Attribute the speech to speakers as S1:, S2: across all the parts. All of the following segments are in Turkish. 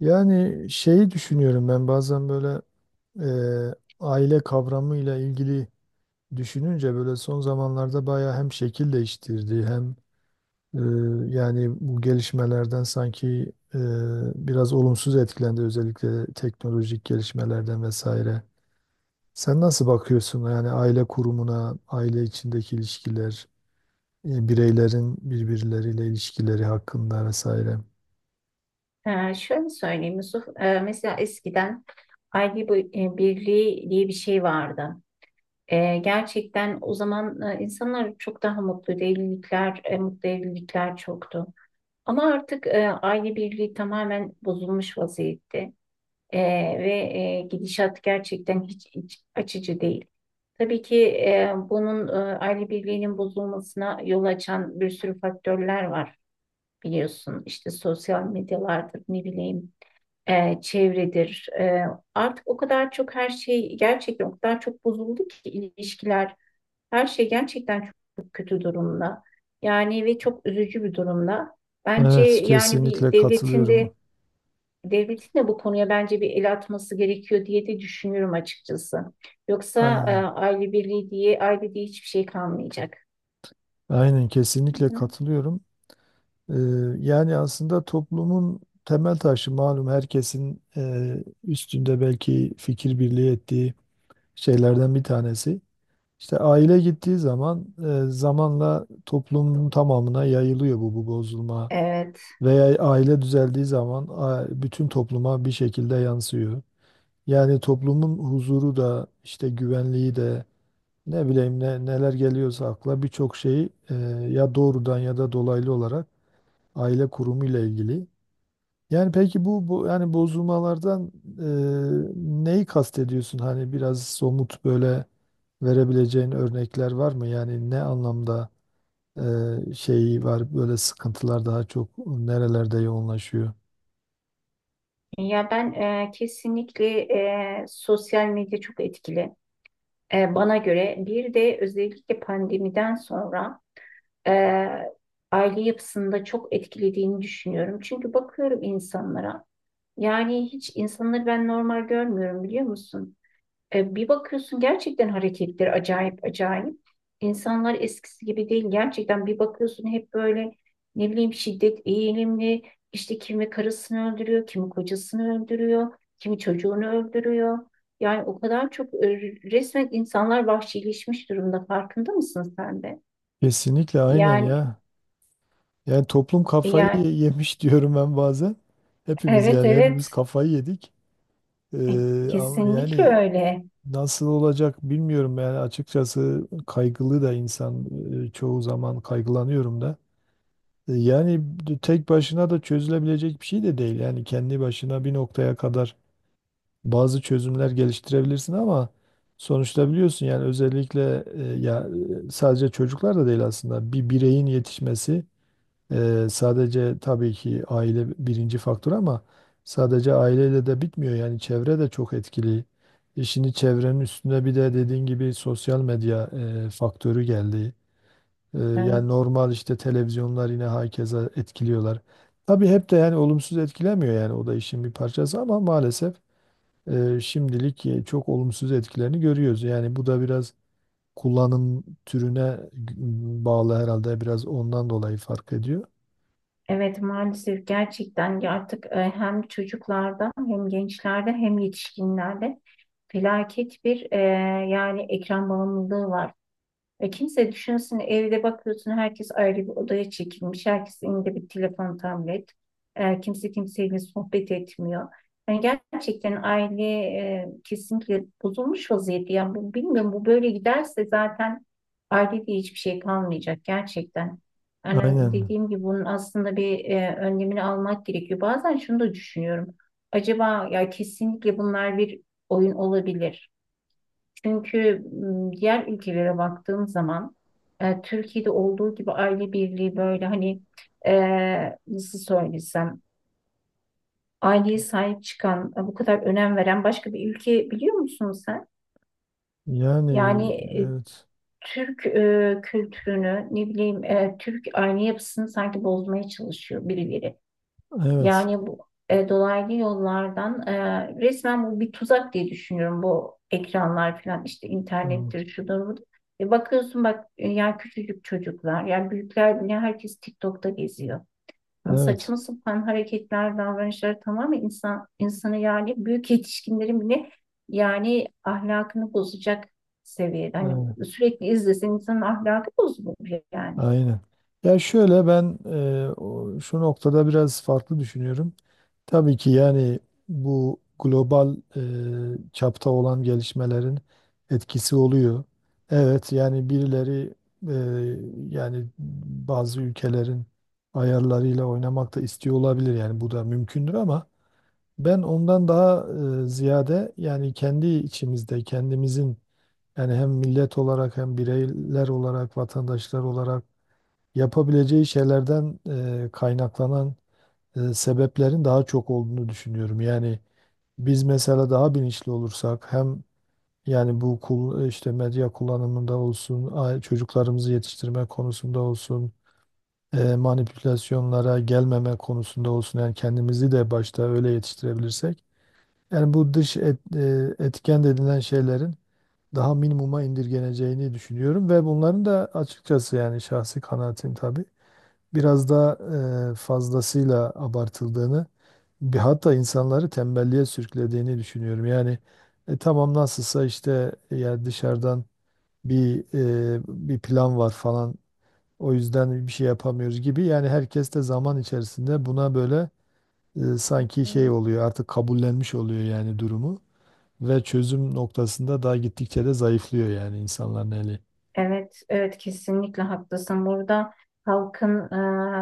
S1: Yani şeyi düşünüyorum ben bazen böyle e, aile kavramıyla ilgili düşününce böyle son zamanlarda bayağı hem şekil değiştirdi hem e, yani bu gelişmelerden sanki biraz olumsuz etkilendi özellikle teknolojik gelişmelerden vesaire. Sen nasıl bakıyorsun yani aile kurumuna, aile içindeki ilişkiler, bireylerin birbirleriyle ilişkileri hakkında vesaire?
S2: Şöyle söyleyeyim Yusuf. Mesela eskiden aile birliği diye bir şey vardı. Gerçekten o zaman insanlar çok daha mutluydu, evlilikler, mutlu evlilikler çoktu. Ama artık aile birliği tamamen bozulmuş vaziyette. Ee, Ve gidişat gerçekten hiç açıcı değil. Tabii ki bunun aile birliğinin bozulmasına yol açan bir sürü faktörler var biliyorsun. İşte sosyal medyalardır, ne bileyim çevredir. Artık o kadar çok her şey gerçekten o kadar çok bozuldu ki ilişkiler, her şey gerçekten çok kötü durumda. Yani ve çok üzücü bir durumda. Bence
S1: Evet,
S2: yani
S1: kesinlikle
S2: bir devletin
S1: katılıyorum.
S2: de devletin de bu konuya bence bir el atması gerekiyor diye de düşünüyorum açıkçası. Yoksa
S1: Aynen.
S2: aile birliği diye aile diye hiçbir şey kalmayacak,
S1: Aynen
S2: değil
S1: kesinlikle
S2: mi?
S1: katılıyorum. Ee, yani aslında toplumun temel taşı malum herkesin üstünde belki fikir birliği ettiği şeylerden bir tanesi. İşte aile gittiği zaman zamanla toplumun tamamına yayılıyor bu bozulma.
S2: Evet.
S1: Veya aile düzeldiği zaman bütün topluma bir şekilde yansıyor. Yani toplumun huzuru da işte güvenliği de ne bileyim neler geliyorsa akla birçok şeyi ya doğrudan ya da dolaylı olarak aile kurumu ile ilgili. Yani peki bu yani bozulmalardan e, neyi kastediyorsun? Hani biraz somut böyle verebileceğin örnekler var mı? Yani ne anlamda şeyi var böyle sıkıntılar daha çok nerelerde yoğunlaşıyor?
S2: Ya ben kesinlikle sosyal medya çok etkili. Bana göre bir de özellikle pandemiden sonra e, aile yapısında çok etkilediğini düşünüyorum. Çünkü bakıyorum insanlara, yani hiç insanları ben normal görmüyorum, biliyor musun? Bir bakıyorsun gerçekten hareketleri acayip acayip. İnsanlar eskisi gibi değil. Gerçekten bir bakıyorsun hep böyle ne bileyim şiddet eğilimli. İşte kimi karısını öldürüyor, kimi kocasını öldürüyor, kimi çocuğunu öldürüyor. Yani o kadar çok resmen insanlar vahşileşmiş durumda. Farkında mısın sen de?
S1: Kesinlikle aynen
S2: Yani
S1: ya. Yani toplum kafayı
S2: yani
S1: yemiş diyorum ben bazen. Hepimiz
S2: evet,
S1: yani hepimiz
S2: evet.
S1: kafayı yedik.
S2: E,
S1: Ama
S2: Kesinlikle
S1: yani.
S2: öyle.
S1: Nasıl olacak bilmiyorum yani açıkçası kaygılı da insan çoğu zaman kaygılanıyorum da. Yani tek başına da çözülebilecek bir şey de değil. Yani kendi başına bir noktaya kadar bazı çözümler geliştirebilirsin ama sonuçta biliyorsun yani özellikle ya sadece çocuklar da değil aslında bir bireyin yetişmesi sadece tabii ki aile birinci faktör ama sadece aileyle de bitmiyor. Yani çevre de çok etkili. Şimdi çevrenin üstüne bir de dediğin gibi sosyal medya faktörü geldi. Yani
S2: Evet.
S1: normal işte televizyonlar yine herkese etkiliyorlar. Tabii hep de yani olumsuz etkilemiyor yani o da işin bir parçası ama maalesef şimdilik çok olumsuz etkilerini görüyoruz. Yani bu da biraz kullanım türüne bağlı herhalde biraz ondan dolayı fark ediyor.
S2: Evet, maalesef gerçekten, ya artık hem çocuklarda hem gençlerde hem yetişkinlerde felaket bir yani ekran bağımlılığı var. E, kimse düşünsün, evde bakıyorsun herkes ayrı bir odaya çekilmiş. Herkesin elinde bir telefon, tablet. Kimse kimseyle sohbet etmiyor. Yani gerçekten aile kesinlikle bozulmuş vaziyette. Yani bilmiyorum, bu böyle giderse zaten ailede hiçbir şey kalmayacak gerçekten. Yani
S1: Aynen.
S2: dediğim gibi bunun aslında bir önlemini almak gerekiyor. Bazen şunu da düşünüyorum. Acaba ya kesinlikle bunlar bir oyun olabilir. Çünkü diğer ülkelere baktığım zaman Türkiye'de olduğu gibi aile birliği böyle hani e, nasıl söylesem, aileye sahip çıkan, bu kadar önem veren başka bir ülke biliyor musun sen?
S1: Yani
S2: Yani
S1: evet.
S2: Türk kültürünü, ne bileyim, Türk aile yapısını sanki bozmaya çalışıyor birileri.
S1: Evet.
S2: Yani bu dolaylı yollardan resmen bu bir tuzak diye düşünüyorum, bu ekranlar falan, işte
S1: Evet.
S2: internettir, şudur budur. Bakıyorsun bak, ya küçücük çocuklar, yani büyükler bile, herkes TikTok'ta geziyor. Yani
S1: Evet.
S2: saçma sapan hareketler, davranışlar, tamamen insan insanı, yani büyük yetişkinlerin bile yani ahlakını bozacak seviyede. Hani
S1: Evet.
S2: sürekli izlesen insanın ahlakı bozulur yani.
S1: Aynen. Ya şöyle ben şu noktada biraz farklı düşünüyorum. Tabii ki yani bu global çapta olan gelişmelerin etkisi oluyor. Evet, yani birileri e, yani bazı ülkelerin ayarlarıyla oynamak da istiyor olabilir. Yani bu da mümkündür ama ben ondan daha ziyade yani kendi içimizde kendimizin, yani hem millet olarak hem bireyler olarak, vatandaşlar olarak yapabileceği şeylerden kaynaklanan sebeplerin daha çok olduğunu düşünüyorum. Yani biz mesela daha bilinçli olursak hem yani işte medya kullanımında olsun, çocuklarımızı yetiştirme konusunda olsun, manipülasyonlara gelmeme konusunda olsun yani kendimizi de başta öyle yetiştirebilirsek yani bu etken denilen şeylerin daha minimuma indirgeneceğini düşünüyorum ve bunların da açıkçası yani şahsi kanaatim tabii biraz daha fazlasıyla abartıldığını bir hatta insanları tembelliğe sürüklediğini düşünüyorum. Yani tamam nasılsa işte yani dışarıdan bir bir plan var falan, o yüzden bir şey yapamıyoruz gibi yani herkes de zaman içerisinde buna böyle sanki şey oluyor artık kabullenmiş oluyor yani durumu. Ve çözüm noktasında daha gittikçe de zayıflıyor yani insanların eli.
S2: Evet, evet kesinlikle haklısın. Burada halkın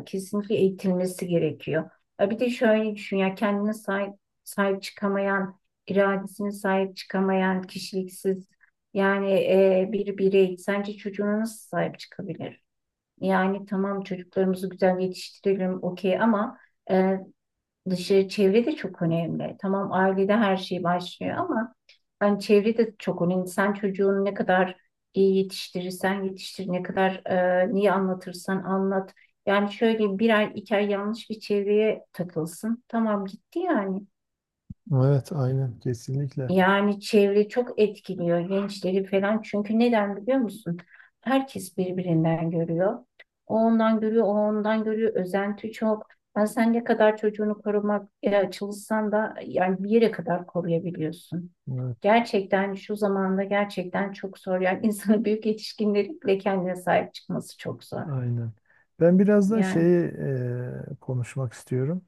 S2: kesinlikle eğitilmesi gerekiyor. Bir de şöyle düşün, ya kendine sahip, sahip çıkamayan, iradesine sahip çıkamayan, kişiliksiz yani bir birey sence çocuğuna nasıl sahip çıkabilir? Yani tamam, çocuklarımızı güzel yetiştirelim okey, ama e, dışarı çevre de çok önemli. Tamam ailede her şey başlıyor ama yani çevre de çok önemli. Sen çocuğunu ne kadar iyi yetiştirirsen yetiştir, ne kadar niye anlatırsan anlat. Yani şöyle bir ay iki ay yanlış bir çevreye takılsın. Tamam gitti yani.
S1: Evet, aynen, kesinlikle.
S2: Yani çevre çok etkiliyor gençleri falan. Çünkü neden biliyor musun? Herkes birbirinden görüyor. O ondan görüyor, o ondan görüyor. Özenti çok. Ben, sen ne kadar çocuğunu korumak çalışsan da yani bir yere kadar koruyabiliyorsun.
S1: Evet,
S2: Gerçekten şu zamanda gerçekten çok zor. Yani insanın, büyük yetişkinlerin bile kendine sahip çıkması çok zor.
S1: aynen. Ben biraz da
S2: Yani
S1: şeyi konuşmak istiyorum.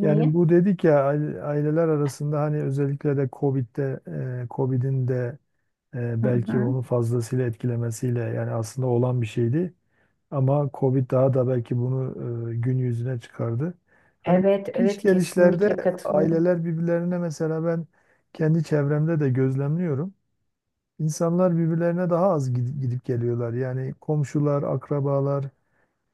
S1: Yani bu dedik ya aileler arasında hani özellikle de Covid'de, Covid'in de
S2: Hı
S1: belki
S2: hı.
S1: onu fazlasıyla etkilemesiyle yani aslında olan bir şeydi. Ama Covid daha da belki bunu gün yüzüne çıkardı. Hani
S2: Evet,
S1: iş
S2: evet
S1: gelişlerde
S2: kesinlikle katılıyorum.
S1: aileler birbirlerine, mesela ben kendi çevremde de gözlemliyorum. İnsanlar birbirlerine daha az gidip geliyorlar. Yani komşular, akrabalar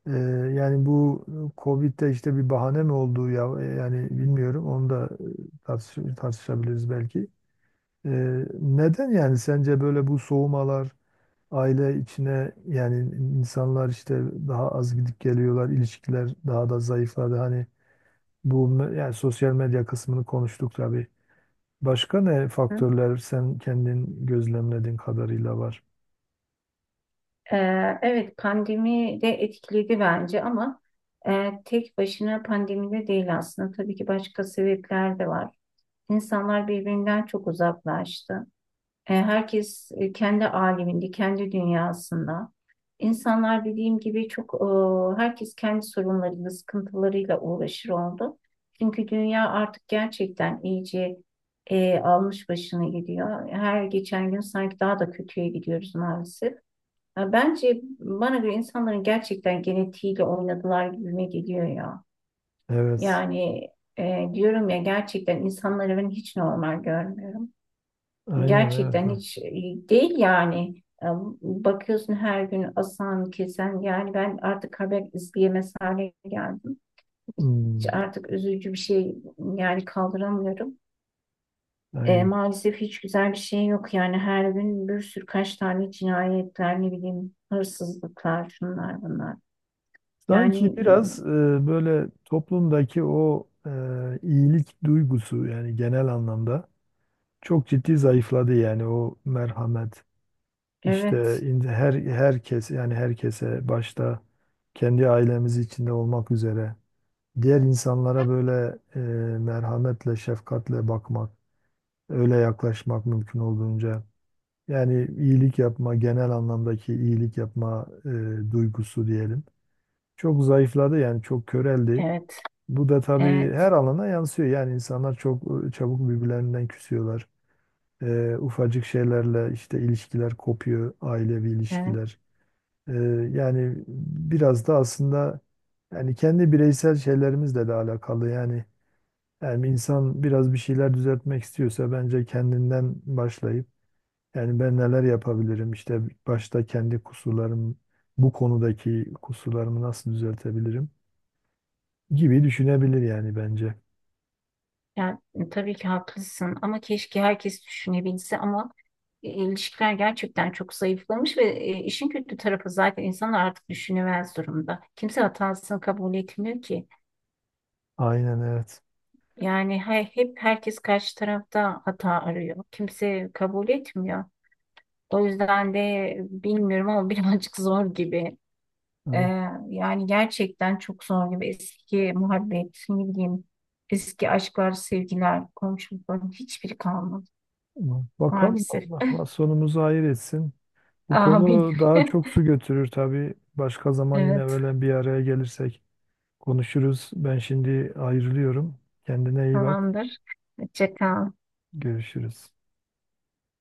S1: e, yani bu Covid'de işte bir bahane mi olduğu ya yani bilmiyorum. Onu da tartışabiliriz belki. E, Neden yani sence böyle bu soğumalar aile içine, yani insanlar işte daha az gidip geliyorlar, ilişkiler daha da zayıfladı. Hani yani sosyal medya kısmını konuştuk tabii. Başka ne faktörler sen kendin gözlemlediğin kadarıyla var?
S2: Evet, pandemi de etkiledi bence ama tek başına pandemide değil aslında. Tabii ki başka sebepler de var. İnsanlar birbirinden çok uzaklaştı. Herkes kendi aleminde, kendi dünyasında. İnsanlar dediğim gibi çok herkes kendi sorunlarıyla, sıkıntılarıyla uğraşır oldu. Çünkü dünya artık gerçekten iyice almış başını gidiyor. Her geçen gün sanki daha da kötüye gidiyoruz maalesef. Ya bence, bana göre insanların gerçekten genetiğiyle oynadılar gibime geliyor ya.
S1: Evet.
S2: Yani diyorum ya, gerçekten insanları ben hiç normal görmüyorum.
S1: Aynen, evet.
S2: Gerçekten
S1: Evet.
S2: hiç değil yani. Bakıyorsun her gün asan, kesen, yani ben artık haber izleyemez hale geldim. Hiç,
S1: Hmm,
S2: artık üzücü bir şey yani kaldıramıyorum.
S1: aynen.
S2: Maalesef hiç güzel bir şey yok, yani her gün bir sürü, kaç tane cinayetler, ne bileyim, hırsızlıklar, şunlar bunlar.
S1: Sanki
S2: Yani
S1: biraz böyle toplumdaki o iyilik duygusu yani genel anlamda çok ciddi zayıfladı, yani o merhamet. İşte
S2: evet,
S1: herkes, yani herkese, başta kendi ailemiz içinde olmak üzere diğer insanlara böyle merhametle, şefkatle bakmak, öyle yaklaşmak mümkün olduğunca, yani iyilik yapma, genel anlamdaki iyilik yapma duygusu diyelim. Çok zayıfladı, yani çok köreldi.
S2: evet,
S1: Bu da tabii
S2: evet,
S1: her alana yansıyor. Yani insanlar çok çabuk birbirlerinden küsüyorlar. Ufacık şeylerle işte ilişkiler kopuyor, ailevi
S2: evet.
S1: ilişkiler. Ee, yani biraz da aslında yani kendi bireysel şeylerimizle de alakalı. Yani insan biraz bir şeyler düzeltmek istiyorsa bence kendinden başlayıp yani ben neler yapabilirim, işte başta kendi kusurlarım, bu konudaki kusurlarımı nasıl düzeltebilirim gibi düşünebilir yani bence.
S2: Yani tabii ki haklısın ama keşke herkes düşünebilse ama ilişkiler gerçekten çok zayıflamış ve işin kötü tarafı zaten insanlar artık düşünemez durumda. Kimse hatasını kabul etmiyor ki.
S1: Aynen evet.
S2: Hep herkes karşı tarafta hata arıyor. Kimse kabul etmiyor. O yüzden de bilmiyorum ama birazcık zor gibi. Ee,
S1: Evet.
S2: Yani gerçekten çok zor gibi, eski muhabbet, ne bileyim, eski aşklar, sevgiler, komşulukların hiçbiri kalmadı
S1: Bakalım,
S2: maalesef.
S1: Allah Allah sonumuzu hayır etsin. Bu
S2: Amin.
S1: konu daha çok su götürür tabii. Başka zaman yine
S2: Evet,
S1: böyle bir araya gelirsek konuşuruz. Ben şimdi ayrılıyorum. Kendine iyi bak.
S2: tamamdır. Hoşça kal.
S1: Görüşürüz.